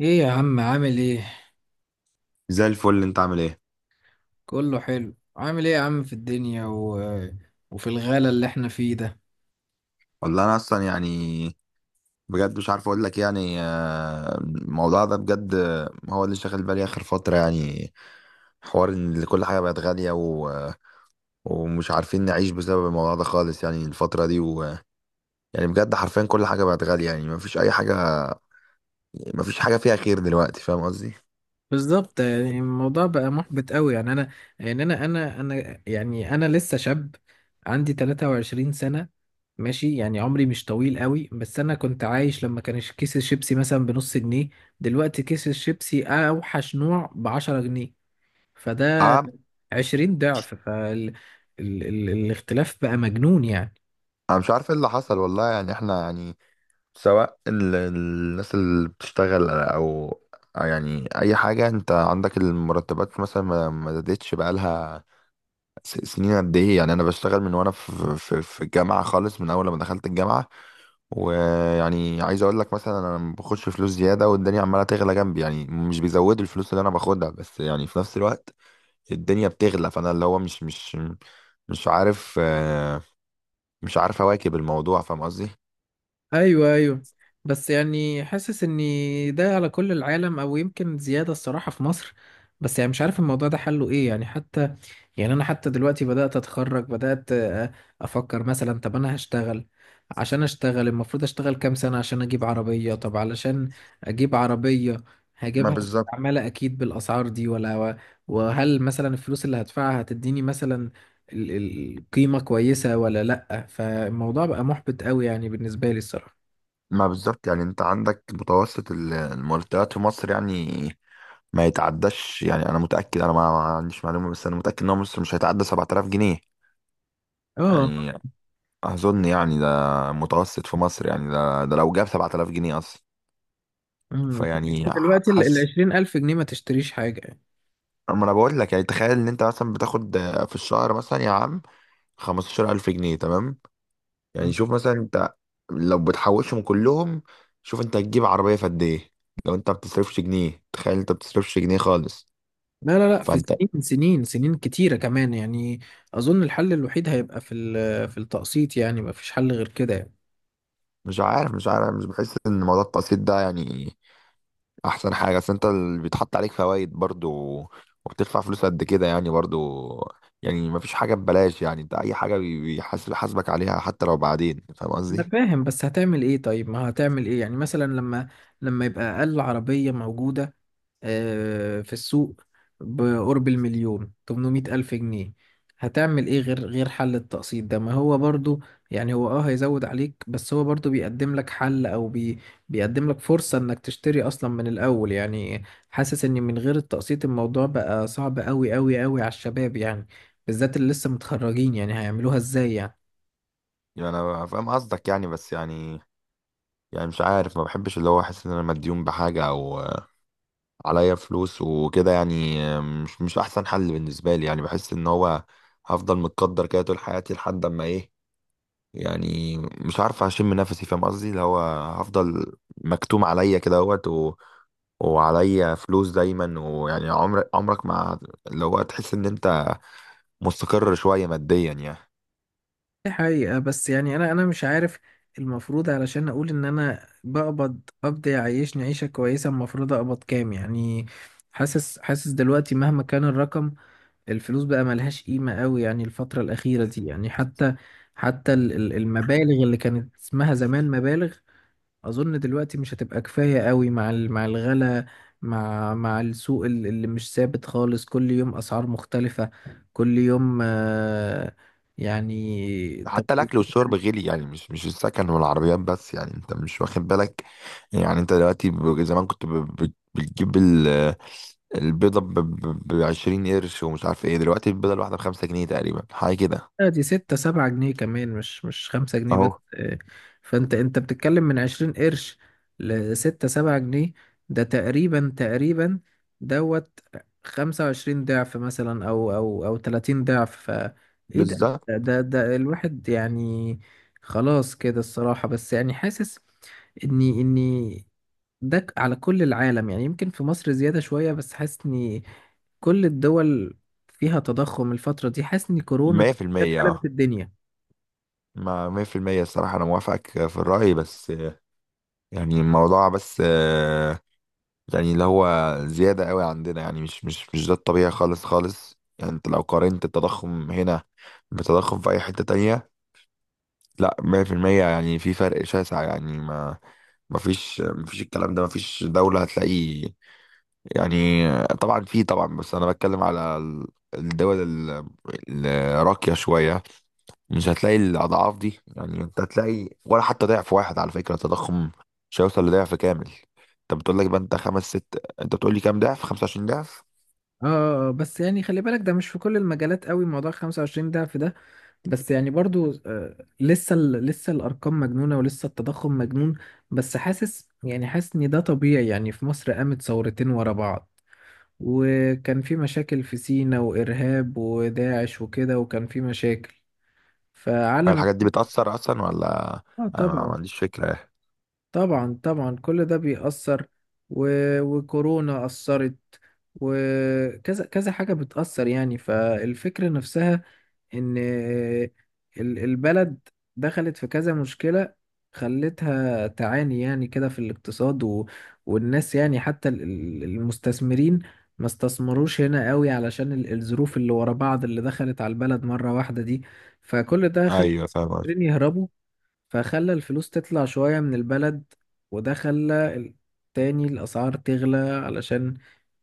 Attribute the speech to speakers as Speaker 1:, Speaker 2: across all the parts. Speaker 1: ايه يا عم عامل ايه؟
Speaker 2: زي الفل انت عامل ايه.
Speaker 1: كله حلو، عامل ايه يا عم في الدنيا وفي الغلا اللي احنا فيه ده.
Speaker 2: والله انا اصلا يعني بجد مش عارف اقول لك يعني الموضوع ده بجد هو اللي شاغل بالي اخر فتره يعني حوار ان كل حاجه بقت غاليه ومش عارفين نعيش بسبب الموضوع ده خالص يعني الفتره دي يعني بجد حرفيا كل حاجه بقت غاليه، يعني مفيش اي حاجه، مفيش حاجه فيها خير دلوقتي، فاهم قصدي؟
Speaker 1: بالظبط، يعني الموضوع بقى محبط قوي، يعني انا لسه شاب، عندي 23 سنة. ماشي، يعني عمري مش طويل قوي، بس انا كنت عايش لما كان كيس الشيبسي مثلا بنص جنيه. دلوقتي كيس الشيبسي اوحش نوع بعشرة جنيه، فده
Speaker 2: اه،
Speaker 1: 20 ضعف، فالاختلاف بقى مجنون يعني.
Speaker 2: انا مش عارف ايه اللي حصل والله. يعني احنا يعني سواء الناس اللي بتشتغل او يعني اي حاجه، انت عندك المرتبات مثلا ما زادتش بقالها سنين قد ايه. يعني انا بشتغل من وانا في الجامعه خالص، من اول ما دخلت الجامعه. ويعني عايز اقول لك مثلا انا ما باخدش فلوس زياده، والدنيا عماله تغلى جنبي، يعني مش بيزودوا الفلوس اللي انا باخدها، بس يعني في نفس الوقت الدنيا بتغلى، فانا اللي هو مش عارف آه، مش عارف اواكب الموضوع، فاهم قصدي؟
Speaker 1: ايوه، بس يعني حاسس ان ده على كل العالم، او يمكن زياده الصراحه في مصر. بس يعني مش عارف الموضوع ده حله ايه، يعني حتى يعني انا حتى دلوقتي بدات اتخرج، بدات افكر مثلا، طب انا هشتغل. عشان اشتغل المفروض اشتغل كام سنه عشان اجيب عربيه؟ طب علشان اجيب عربيه
Speaker 2: ما
Speaker 1: هجيبها
Speaker 2: بالظبط.
Speaker 1: مستعمله اكيد بالاسعار دي، ولا؟ وهل مثلا الفلوس اللي هدفعها هتديني مثلا القيمه كويسه ولا لا؟ فالموضوع بقى محبط قوي يعني بالنسبه لي الصراحه.
Speaker 2: ما بالظبط، يعني انت عندك متوسط المرتبات في مصر يعني ما يتعداش. يعني انا متأكد، انا ما عنديش معلومة، بس انا متأكد ان هو مصر مش هيتعدى 7000 جنيه
Speaker 1: اه.
Speaker 2: يعني. اظن يعني ده متوسط في مصر يعني، ده لو جاب 7000 جنيه اصلا.
Speaker 1: أمم.
Speaker 2: فيعني
Speaker 1: دلوقتي ال
Speaker 2: حاسس.
Speaker 1: عشرين ألف جنيه ما تشتريش حاجة يعني.
Speaker 2: اما انا بقول لك يعني تخيل ان انت مثلا بتاخد في الشهر مثلا يا عم 15000 جنيه، تمام؟ يعني
Speaker 1: أمم.
Speaker 2: شوف مثلا انت لو بتحوشهم كلهم، شوف انت هتجيب عربية في قد ايه. لو انت ما بتصرفش جنيه، تخيل انت ما بتصرفش جنيه خالص،
Speaker 1: لا، في
Speaker 2: فانت
Speaker 1: سنين كتيرة كمان يعني. أظن الحل الوحيد هيبقى في في التقسيط يعني، ما فيش حل غير كده يعني.
Speaker 2: مش عارف مش بحس ان موضوع التقسيط ده يعني احسن حاجه. اصل انت اللي بيتحط عليك فوائد برضو، وبتدفع فلوس قد كده يعني، برضو يعني مفيش حاجه ببلاش، يعني انت اي حاجه بي- بيحاسب حاسبك عليها حتى لو بعدين، فاهم
Speaker 1: أنا
Speaker 2: قصدي؟
Speaker 1: فاهم، بس هتعمل إيه؟ طيب ما هتعمل إيه يعني مثلا، لما يبقى أقل عربية موجودة آه في السوق بقرب المليون 800 ألف جنيه؟ هتعمل ايه غير حل التقسيط ده؟ ما هو برضو يعني هو اه هيزود عليك، بس هو برضو بيقدم لك حل، او بيقدم لك فرصة انك تشتري اصلا من الاول يعني. حاسس ان من غير التقسيط الموضوع بقى صعب قوي قوي قوي على الشباب يعني، بالذات اللي لسه متخرجين، يعني هيعملوها ازاي يعني؟
Speaker 2: يعني انا فاهم قصدك يعني، بس يعني مش عارف، ما بحبش اللي هو احس ان انا مديون بحاجه او عليا فلوس وكده. يعني مش احسن حل بالنسبه لي، يعني بحس ان هو هفضل متقدر كده طول حياتي لحد اما ايه، يعني مش عارف اشم نفسي، فاهم قصدي؟ اللي هو هفضل مكتوم عليا كده اهوت وعليا فلوس دايما. ويعني عمرك ما اللي هو تحس ان انت مستقر شويه ماديا يعني.
Speaker 1: دي حقيقة، بس يعني أنا مش عارف. المفروض علشان أقول إن أنا بقبض قبض يعيشني عيشة كويسة المفروض أقبض كام يعني؟ حاسس دلوقتي مهما كان الرقم الفلوس بقى ملهاش قيمة قوي يعني الفترة الأخيرة دي، يعني حتى المبالغ اللي كانت اسمها زمان مبالغ أظن دلوقتي مش هتبقى كفاية قوي مع مع الغلا، مع السوق اللي مش ثابت خالص، كل يوم أسعار مختلفة، كل يوم. يعني طب.
Speaker 2: حتى الاكل والشرب غلي يعني، مش السكن والعربيات بس، يعني انت مش واخد بالك. يعني انت دلوقتي زمان كنت بتجيب البيضه ب 20 قرش، ومش عارف ايه دلوقتي البيضه الواحده ب 5 جنيه تقريبا، حاجه كده.
Speaker 1: لا دي ستة سبعة جنيه كمان، مش خمسة جنيه
Speaker 2: اهو.
Speaker 1: بس آه. فانت بتتكلم من عشرين قرش لستة سبعة جنيه، ده تقريبا دوت خمسة وعشرين ضعف مثلا، او تلاتين ضعف. ف ايه ده
Speaker 2: بالظبط.
Speaker 1: الواحد يعني؟ خلاص كده الصراحة. بس يعني حاسس اني ده على كل العالم، يعني يمكن في مصر زيادة شوية، بس حاسس اني كل الدول فيها تضخم الفترة دي. حاسس ان كورونا كانت
Speaker 2: 100%.
Speaker 1: قلبت
Speaker 2: اه
Speaker 1: الدنيا.
Speaker 2: مع 100%. الصراحة أنا موافقك في الرأي، بس يعني الموضوع، بس يعني اللي هو زيادة قوي عندنا، يعني مش ده الطبيعي خالص خالص. يعني أنت لو قارنت التضخم هنا بتضخم في أي حتة تانية، لا، 100%، يعني في فرق شاسع، يعني ما فيش الكلام ده، ما فيش دولة هتلاقيه. يعني طبعا في، طبعا، بس أنا بتكلم على الدول الراقية شوية، مش هتلاقي الأضعاف دي. يعني أنت هتلاقي ولا حتى ضعف واحد، على فكرة التضخم مش هيوصل لضعف كامل. أنت بتقول لك بقى، أنت خمس ست، أنت بتقول لي كام ضعف؟ 25 ضعف.
Speaker 1: اه آه آه، بس يعني خلي بالك ده مش في كل المجالات قوي موضوع 25 ده، في ده بس يعني برضو آه. لسه الارقام مجنونة ولسه التضخم مجنون. بس حاسس، يعني حاسس ان ده طبيعي. يعني في مصر قامت ثورتين ورا بعض، وكان في مشاكل في سينا وارهاب وداعش وكده، وكان في مشاكل
Speaker 2: هل
Speaker 1: فعلم.
Speaker 2: الحاجات دي بتأثر أصلا ولا؟
Speaker 1: اه
Speaker 2: أنا ما
Speaker 1: طبعا،
Speaker 2: عنديش فكرة يعني.
Speaker 1: طبعا، كل ده بيأثر، و... وكورونا أثرت، وكذا كذا حاجة بتأثر يعني. فالفكرة نفسها إن البلد دخلت في كذا مشكلة، خلتها تعاني يعني كده في الاقتصاد، والناس. يعني حتى المستثمرين ما استثمروش هنا قوي علشان الظروف اللي ورا بعض اللي دخلت على البلد مرة واحدة دي، فكل ده خلى
Speaker 2: أيوه، فاهم قصدي.
Speaker 1: المستثمرين يهربوا. فخلى الفلوس تطلع شوية من البلد، وده خلى تاني الأسعار تغلى علشان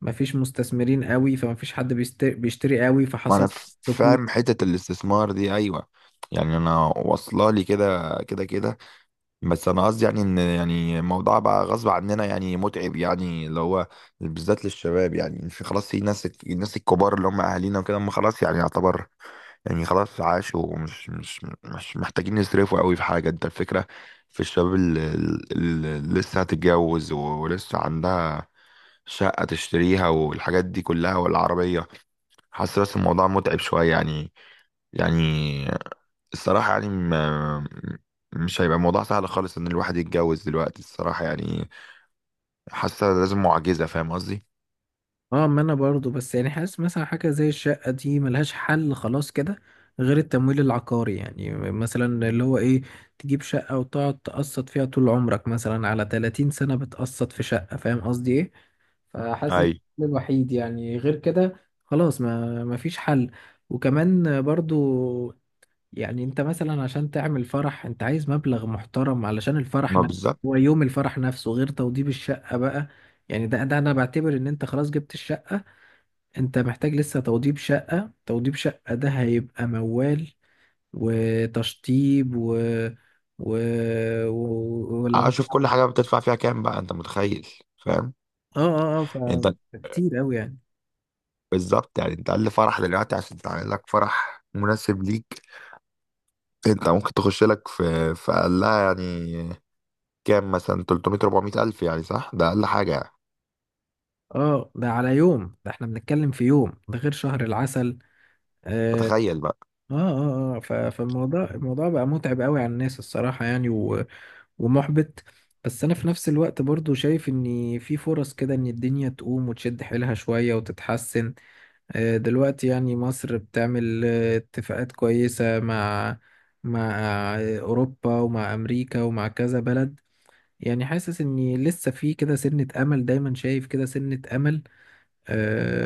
Speaker 1: مفيش مستثمرين قوي، فمفيش حد بيشتري قوي،
Speaker 2: وأنا
Speaker 1: فحصل ركود.
Speaker 2: فاهم حتة الاستثمار دي، أيوه. يعني أنا واصلة لي كده، بس أنا قصدي يعني إن يعني الموضوع بقى غصب عننا يعني، متعب يعني اللي هو بالذات للشباب. يعني في، خلاص، في الناس الكبار اللي هم أهالينا وكده، هم خلاص يعني يعتبر، يعني خلاص عاشوا، ومش مش مش محتاجين يصرفوا قوي في حاجة. انت الفكرة في الشباب اللي لسه هتتجوز، ولسه عندها شقة تشتريها والحاجات دي كلها والعربية. حاسس بس الموضوع متعب شوية يعني. يعني الصراحة يعني ما مش هيبقى الموضوع سهل خالص ان الواحد يتجوز دلوقتي، الصراحة يعني. حاسة لازم معجزة، فاهم قصدي؟
Speaker 1: اه ما انا برضو، بس يعني حاسس مثلا حاجة زي الشقة دي ملهاش حل خلاص كده غير التمويل العقاري، يعني مثلا اللي هو ايه، تجيب شقة وتقعد تقسط فيها طول عمرك مثلا على 30 سنة بتقسط في شقة، فاهم قصدي ايه؟ فحاسس ان
Speaker 2: اي.
Speaker 1: ده الوحيد يعني، غير كده خلاص ما فيش حل. وكمان برضو يعني انت مثلا عشان تعمل فرح انت عايز مبلغ محترم علشان الفرح
Speaker 2: ما
Speaker 1: نفسه.
Speaker 2: بالظبط.
Speaker 1: هو يوم الفرح نفسه غير توضيب الشقة بقى، يعني ده ده انا بعتبر ان انت خلاص جبت الشقة، انت محتاج لسه توضيب شقة. توضيب شقة ده هيبقى موال، وتشطيب و, ولو
Speaker 2: اشوف كل
Speaker 1: اه
Speaker 2: حاجة بتدفع فيها كام بقى، انت متخيل؟ فاهم؟
Speaker 1: اه اه ف
Speaker 2: يعني انت
Speaker 1: كتير قوي يعني.
Speaker 2: بالظبط، يعني انت اقل فرح دلوقتي عشان تعمل لك فرح مناسب ليك، انت ممكن تخش لك في اقلها يعني كام، مثلا 300، 400 الف يعني، صح، ده اقل حاجه يعني.
Speaker 1: اه ده على يوم، ده احنا بنتكلم في يوم ده غير شهر العسل آه.
Speaker 2: فتخيل بقى.
Speaker 1: فالموضوع بقى متعب قوي على الناس الصراحة يعني، ومحبط. بس انا في نفس الوقت برضو شايف ان في فرص كده ان الدنيا تقوم وتشد حيلها شوية وتتحسن آه. دلوقتي يعني مصر بتعمل آه اتفاقات كويسة مع مع آه اوروبا، ومع امريكا، ومع كذا بلد. يعني حاسس اني لسه في كده سنة امل، دايما شايف كده سنة امل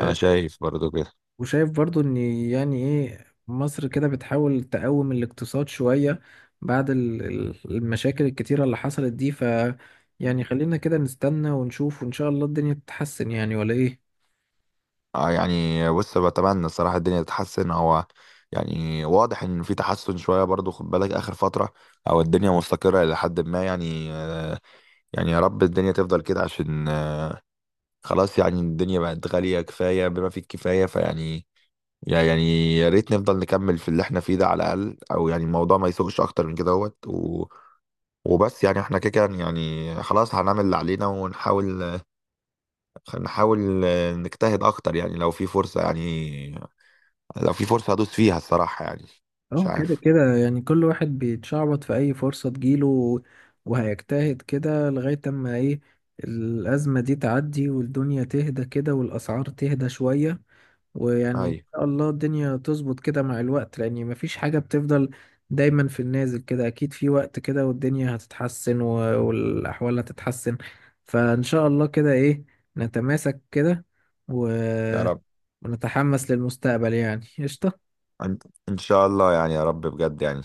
Speaker 2: انا شايف برضو كده.
Speaker 1: وشايف برضو ان، يعني ايه، مصر كده بتحاول تقوم الاقتصاد شوية بعد المشاكل الكتيرة اللي حصلت دي. ف يعني خلينا كده نستنى ونشوف، وان شاء الله الدنيا تتحسن يعني، ولا ايه؟
Speaker 2: اه، يعني بص، بتمنى الصراحه الدنيا تتحسن. هو يعني واضح ان في تحسن شويه برضو، خد بالك اخر فتره، او الدنيا مستقره الى حد ما يعني. يعني يا رب الدنيا تفضل كده، عشان خلاص، يعني الدنيا بقت غاليه كفايه بما فيه الكفايه. فيعني يعني يا ريت نفضل نكمل في اللي احنا فيه ده على الأقل، أو يعني الموضوع ما يسوقش أكتر من كده اهوت. وبس يعني احنا كده كده يعني، خلاص، هنعمل اللي علينا، ونحاول نحاول نجتهد أكتر يعني. لو في فرصة يعني، لو في فرصة هدوس فيها الصراحة يعني. مش
Speaker 1: اه كده
Speaker 2: عارف.
Speaker 1: كده يعني كل واحد بيتشعبط في اي فرصة تجيله، وهيجتهد كده لغاية اما ايه، الأزمة دي تعدي والدنيا تهدى كده والأسعار تهدى شوية. ويعني ان
Speaker 2: أيوة.
Speaker 1: شاء الله الدنيا تظبط كده مع الوقت، لان مفيش حاجة بتفضل دايما في النازل كده، اكيد في وقت كده والدنيا هتتحسن والاحوال هتتحسن. فان شاء الله كده ايه، نتماسك كده، و...
Speaker 2: يا رب.
Speaker 1: ونتحمس للمستقبل يعني، قشطة.
Speaker 2: إن إن شاء الله يعني، يا رب بجد يعني.